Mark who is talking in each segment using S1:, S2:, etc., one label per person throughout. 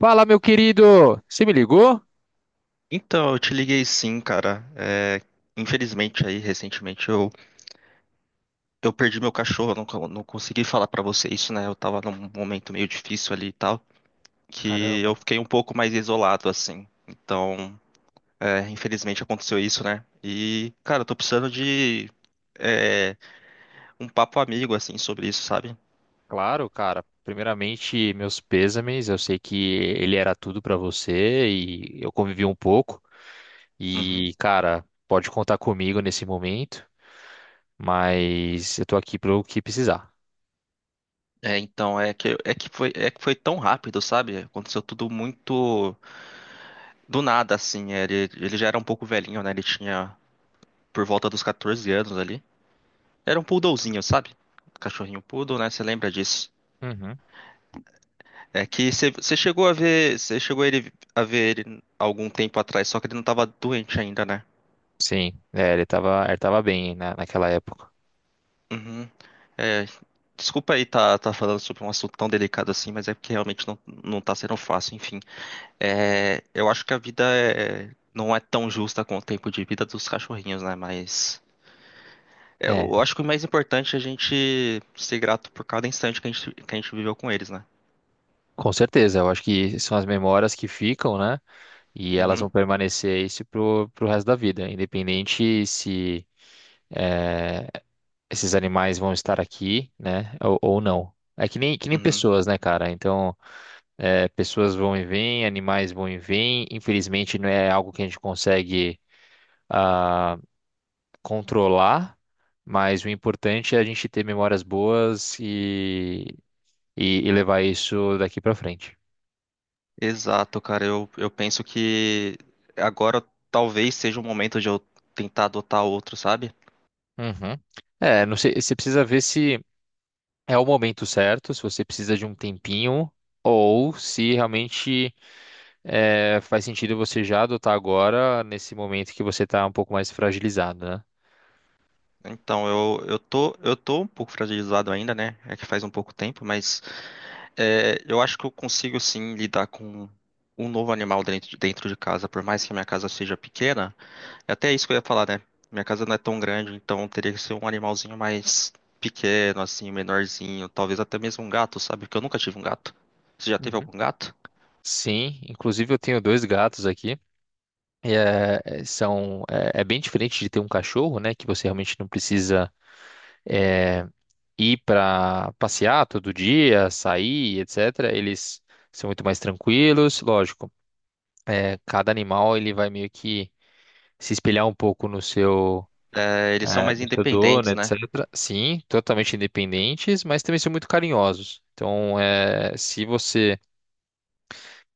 S1: Fala, meu querido! Você me ligou?
S2: Então, eu te liguei sim, cara. Infelizmente aí, recentemente, eu perdi meu cachorro, eu não, não consegui falar pra você isso, né? Eu tava num momento meio difícil ali e tal, que
S1: Caramba.
S2: eu fiquei um pouco mais isolado, assim. Então, infelizmente aconteceu isso, né? E, cara, eu tô precisando de é, um papo amigo, assim, sobre isso, sabe?
S1: Claro, cara. Primeiramente, meus pêsames. Eu sei que ele era tudo pra você e eu convivi um pouco.
S2: Uhum.
S1: E, cara, pode contar comigo nesse momento, mas eu tô aqui pro que precisar.
S2: Então, é que foi tão rápido, sabe? Aconteceu tudo muito do nada, assim. Ele já era um pouco velhinho, né? Ele tinha por volta dos 14 anos ali. Era um poodlezinho, sabe? Cachorrinho poodle, né? Você lembra disso?
S1: Uhum.
S2: É que você chegou a ver, você chegou a ele a ver ele algum tempo atrás, só que ele não tava doente ainda, né?
S1: Sim, é, ele tava bem na, naquela época.
S2: Uhum. É, Desculpa aí tá, tá falando sobre um assunto tão delicado assim, mas é porque realmente não, não tá sendo fácil, enfim. É, eu acho que não é tão justa com o tempo de vida dos cachorrinhos, né? Mas é,
S1: É.
S2: eu acho que o mais importante é a gente ser grato por cada instante que a gente viveu com eles, né?
S1: Com certeza, eu acho que são as memórias que ficam, né? E elas
S2: Uhum.
S1: vão permanecer isso pro, pro resto da vida, independente se eh, esses animais vão estar aqui, né? Ou não. É que nem
S2: Uhum.
S1: pessoas, né, cara? Então, pessoas vão e vêm, animais vão e vêm. Infelizmente, não é algo que a gente consegue ah, controlar, mas o importante é a gente ter memórias boas e levar isso daqui pra frente.
S2: Exato, cara. Eu penso que agora talvez seja o momento de eu tentar adotar outro, sabe?
S1: Uhum. É, não sei, você precisa ver se é o momento certo, se você precisa de um tempinho, ou se realmente é, faz sentido você já adotar agora, nesse momento que você está um pouco mais fragilizado, né?
S2: Então, eu tô um pouco fragilizado ainda, né? É que faz um pouco tempo, mas é, eu acho que eu consigo sim lidar com um novo animal dentro, dentro de casa, por mais que a minha casa seja pequena. É até isso que eu ia falar, né? Minha casa não é tão grande, então teria que ser um animalzinho mais pequeno, assim, menorzinho. Talvez até mesmo um gato, sabe? Porque eu nunca tive um gato. Você já teve
S1: Uhum.
S2: algum gato?
S1: Sim, inclusive eu tenho dois gatos aqui. E, é, é, são, é, é bem diferente de ter um cachorro, né? Que você realmente não precisa. É, ir para passear todo dia, sair, etc. Eles são muito mais tranquilos, lógico. É, cada animal ele vai meio que se espelhar um pouco no seu
S2: É, eles são
S1: é,
S2: mais
S1: no seu dono,
S2: independentes, né?
S1: etc. Sim, totalmente independentes, mas também são muito carinhosos. Então, é, se você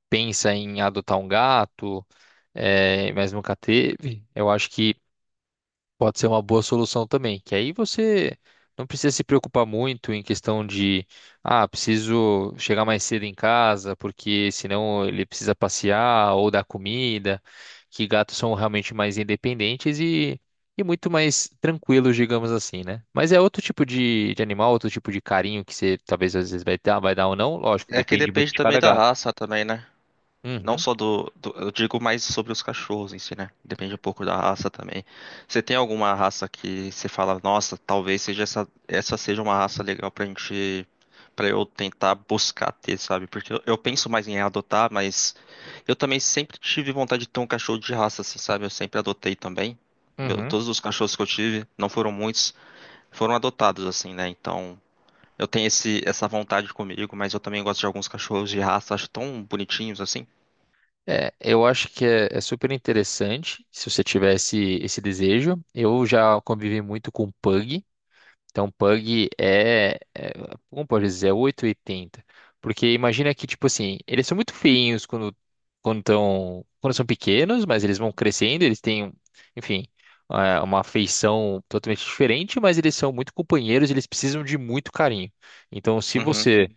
S1: pensa em adotar um gato, é, mas nunca teve, eu acho que pode ser uma boa solução também, que aí você não precisa se preocupar muito em questão de, preciso chegar mais cedo em casa, porque senão ele precisa passear ou dar comida, que gatos são realmente mais independentes e muito mais tranquilos, digamos assim, né? Mas é outro tipo de animal, outro tipo de carinho que você talvez às vezes vai dar ou não, lógico,
S2: É que
S1: depende muito
S2: depende
S1: de
S2: também
S1: cada
S2: da
S1: gato.
S2: raça também, né? Não
S1: Uhum,
S2: só eu digo mais sobre os cachorros em si, né? Depende um pouco da raça também. Você tem alguma raça que você fala, nossa, talvez seja essa, essa seja uma raça legal pra gente. Pra eu tentar buscar ter, sabe? Porque eu penso mais em adotar, mas eu também sempre tive vontade de ter um cachorro de raça, assim, sabe? Eu sempre adotei também.
S1: uhum.
S2: Todos os cachorros que eu tive, não foram muitos, foram adotados, assim, né? Então. Eu tenho essa vontade comigo, mas eu também gosto de alguns cachorros de raça, acho tão bonitinhos assim.
S1: É, eu acho que é, é super interessante se você tivesse esse desejo. Eu já convivi muito com Pug, então, Pug é, é, como pode dizer, é 880. Porque imagina que, tipo assim, eles são muito feinhos quando quando são pequenos, mas eles vão crescendo, eles têm, enfim, é, uma feição totalmente diferente, mas eles são muito companheiros, eles precisam de muito carinho. Então, se
S2: Uhum.
S1: você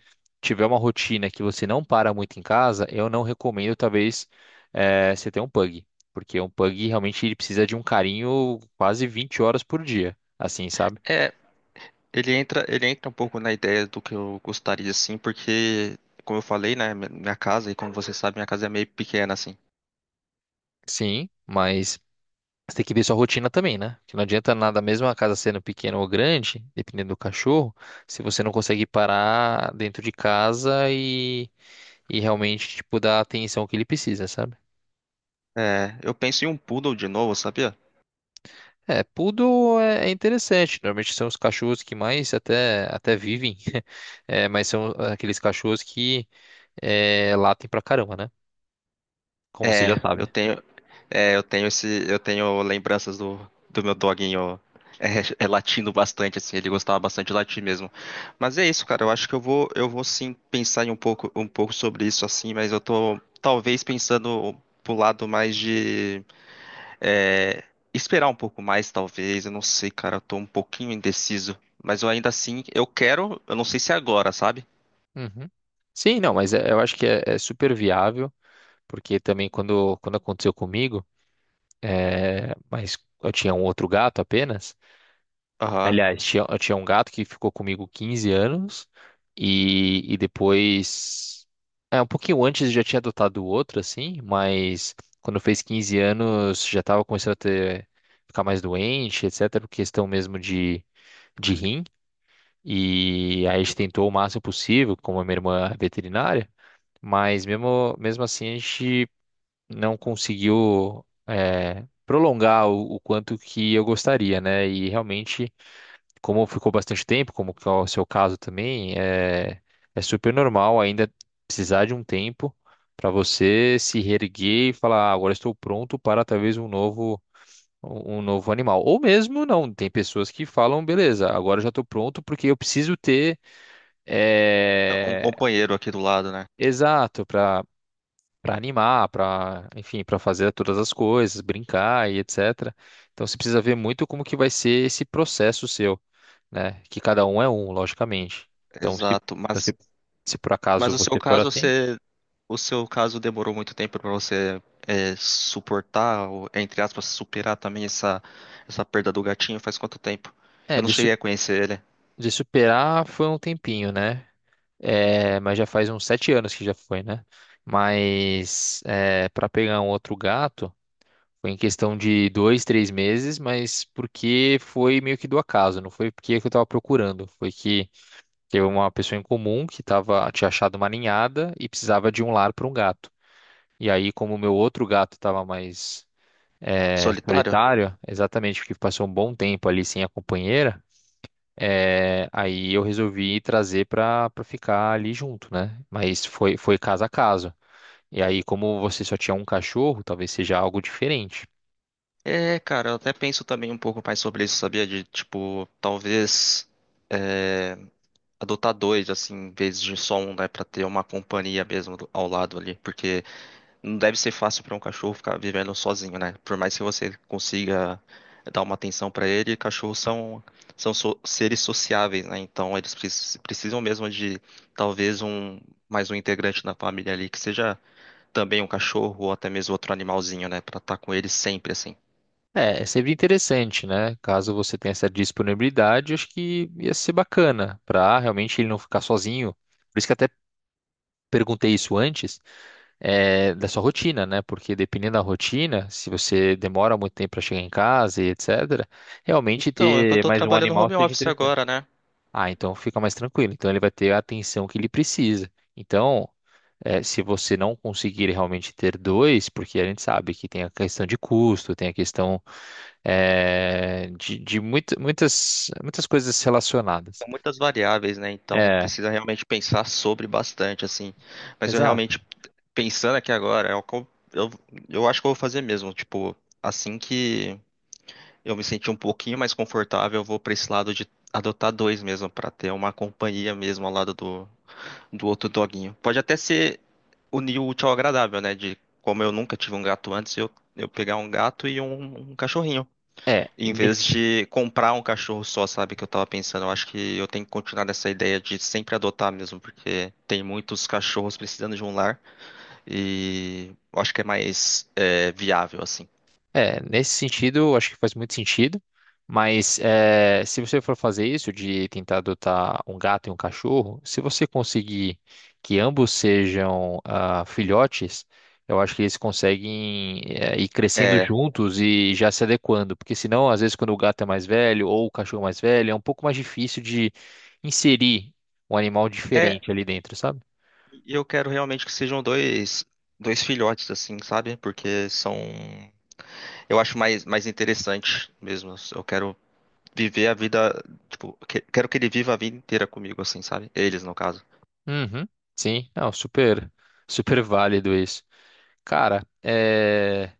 S1: tiver uma rotina que você não para muito em casa, eu não recomendo, talvez, é, você ter um Pug. Porque um Pug realmente ele precisa de um carinho quase 20 horas por dia, assim, sabe?
S2: É, ele entra um pouco na ideia do que eu gostaria assim, porque, como eu falei, né, minha casa, e como você sabe, minha casa é meio pequena assim.
S1: Sim, mas você tem que ver sua rotina também, né? Que não adianta nada, mesmo a casa sendo pequena ou grande, dependendo do cachorro, se você não consegue parar dentro de casa e realmente, tipo, dar a atenção que ele precisa, sabe?
S2: É, eu penso em um poodle de novo, sabia?
S1: É, poodle é interessante. Normalmente são os cachorros que mais até vivem, é, mas são aqueles cachorros que é, latem pra caramba, né? Como você
S2: É,
S1: já
S2: eu
S1: sabe.
S2: tenho, eu tenho eu tenho lembranças do, do meu doguinho latindo bastante, assim, ele gostava bastante de latir mesmo. Mas é isso, cara, eu acho que eu vou sim pensar em um pouco sobre isso, assim, mas eu tô talvez pensando pro lado mais de é, esperar um pouco mais, talvez, eu não sei, cara, eu tô um pouquinho indeciso, mas eu ainda assim, eu quero, eu não sei se é agora, sabe?
S1: Uhum. Sim, não, mas é- eu acho que é, é super viável, porque também quando aconteceu comigo. É, mas eu tinha um outro gato apenas.
S2: Aham.
S1: Aliás, tinha, eu tinha um gato que ficou comigo 15 anos e depois. É, um pouquinho antes eu já tinha adotado outro, assim, mas quando fez 15 anos já estava começando a ter, ficar mais doente, etc., por questão mesmo de rim. E aí a gente tentou o máximo possível, como a minha irmã é veterinária, mas mesmo assim a gente não conseguiu é, prolongar o quanto que eu gostaria, né? E realmente, como ficou bastante tempo, como que é o seu caso também, é, é super normal ainda precisar de um tempo para você se reerguer e falar, "Ah, agora estou pronto para talvez um novo animal." Ou mesmo não, tem pessoas que falam, beleza, agora eu já estou pronto porque eu preciso ter
S2: É um
S1: é,
S2: companheiro aqui do lado, né?
S1: exato para animar, para, enfim, para fazer todas as coisas, brincar e etc. Então você precisa ver muito como que vai ser esse processo seu, né? Que cada um é um, logicamente. Então se,
S2: Exato,
S1: então,
S2: mas
S1: se, se por
S2: Mas
S1: acaso
S2: o seu
S1: você for
S2: caso,
S1: assim,
S2: você, o seu caso demorou muito tempo para você suportar, ou, entre aspas, superar também essa perda do gatinho. Faz quanto tempo? Eu
S1: é,
S2: não cheguei a conhecer ele.
S1: de superar foi um tempinho, né? É, mas já faz uns 7 anos que já foi, né? Mas é, para pegar um outro gato foi em questão de dois, três meses, mas porque foi meio que do acaso, não foi porque eu estava procurando, foi que teve uma pessoa em comum que tava, tinha achado uma ninhada e precisava de um lar para um gato. E aí, como o meu outro gato estava mais é,
S2: Solitário?
S1: solitário, exatamente porque passou um bom tempo ali sem a companheira, é, aí eu resolvi trazer para ficar ali junto, né? Mas foi, foi caso a caso. E aí, como você só tinha um cachorro, talvez seja algo diferente.
S2: É, cara, eu até penso também um pouco mais sobre isso, sabia? De, tipo, talvez é, adotar dois, assim, em vez de só um, né? Pra ter uma companhia mesmo ao lado ali. Porque não deve ser fácil para um cachorro ficar vivendo sozinho, né? Por mais que você consiga dar uma atenção para ele, cachorros são, são seres sociáveis, né? Então eles precisam mesmo de talvez um mais um integrante da família ali, que seja também um cachorro ou até mesmo outro animalzinho, né? Para estar com eles sempre assim.
S1: É, é sempre interessante, né? Caso você tenha essa disponibilidade, acho que ia ser bacana para realmente ele não ficar sozinho. Por isso que até perguntei isso antes, é, da sua rotina, né? Porque dependendo da rotina, se você demora muito tempo para chegar em casa e etc., realmente
S2: Então, é que eu
S1: ter
S2: tô
S1: mais um
S2: trabalhando
S1: animal
S2: home
S1: seja
S2: office
S1: interessante.
S2: agora, né?
S1: Ah, então fica mais tranquilo. Então ele vai ter a atenção que ele precisa. Então, é, se você não conseguir realmente ter dois, porque a gente sabe que tem a questão de custo, tem a questão é, de muita- muitas coisas relacionadas.
S2: São muitas variáveis, né? Então
S1: É,
S2: precisa realmente pensar sobre bastante, assim. Mas eu
S1: exato.
S2: realmente pensando aqui agora, é o que eu, eu acho que eu vou fazer mesmo. Tipo, assim que eu me sentir um pouquinho mais confortável, eu vou pra esse lado de adotar dois mesmo, pra ter uma companhia mesmo ao lado do, do outro doguinho. Pode até ser unir o útil ao agradável, né? De como eu nunca tive um gato antes, eu pegar um gato e um cachorrinho.
S1: É,
S2: Em vez de comprar um cachorro só, sabe? Que eu tava pensando. Eu acho que eu tenho que continuar nessa ideia de sempre adotar mesmo, porque tem muitos cachorros precisando de um lar. E eu acho que é mais viável, assim.
S1: é, nesse sentido, acho que faz muito sentido, mas é, se você for fazer isso de tentar adotar um gato e um cachorro, se você conseguir que ambos sejam filhotes, eu acho que eles conseguem é, ir crescendo
S2: É,
S1: juntos e já se adequando, porque senão, às vezes, quando o gato é mais velho ou o cachorro é mais velho, é um pouco mais difícil de inserir um animal
S2: é,
S1: diferente ali dentro, sabe?
S2: e eu quero realmente que sejam dois, dois filhotes, assim, sabe? Porque são. Eu acho mais, mais interessante mesmo. Eu quero viver a vida. Tipo, quero que ele viva a vida inteira comigo, assim, sabe? Eles, no caso.
S1: Uhum, sim, não, super, super válido isso. Cara, é.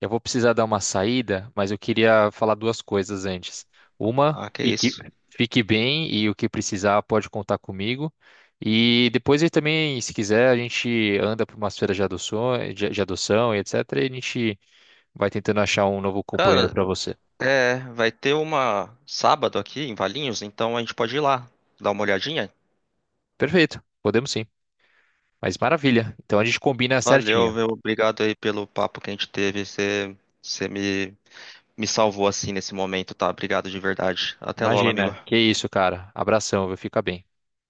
S1: Eu vou precisar dar uma saída, mas eu queria falar duas coisas antes. Uma,
S2: Ah, que isso.
S1: fique bem e o que precisar pode contar comigo. E depois aí também, se quiser, a gente anda para umas feiras de adoção, de adoção e etc. E a gente vai tentando achar um novo companheiro
S2: Cara,
S1: para você.
S2: é, vai ter uma sábado aqui em Valinhos, então a gente pode ir lá, dar uma olhadinha.
S1: Perfeito, podemos sim. Mas maravilha. Então a gente combina
S2: Valeu,
S1: certinho.
S2: meu, obrigado aí pelo papo que a gente teve. Você, você me me salvou assim nesse momento, tá? Obrigado de verdade. Até logo, amigo.
S1: Imagina, que isso, cara. Abração, viu? Fica bem.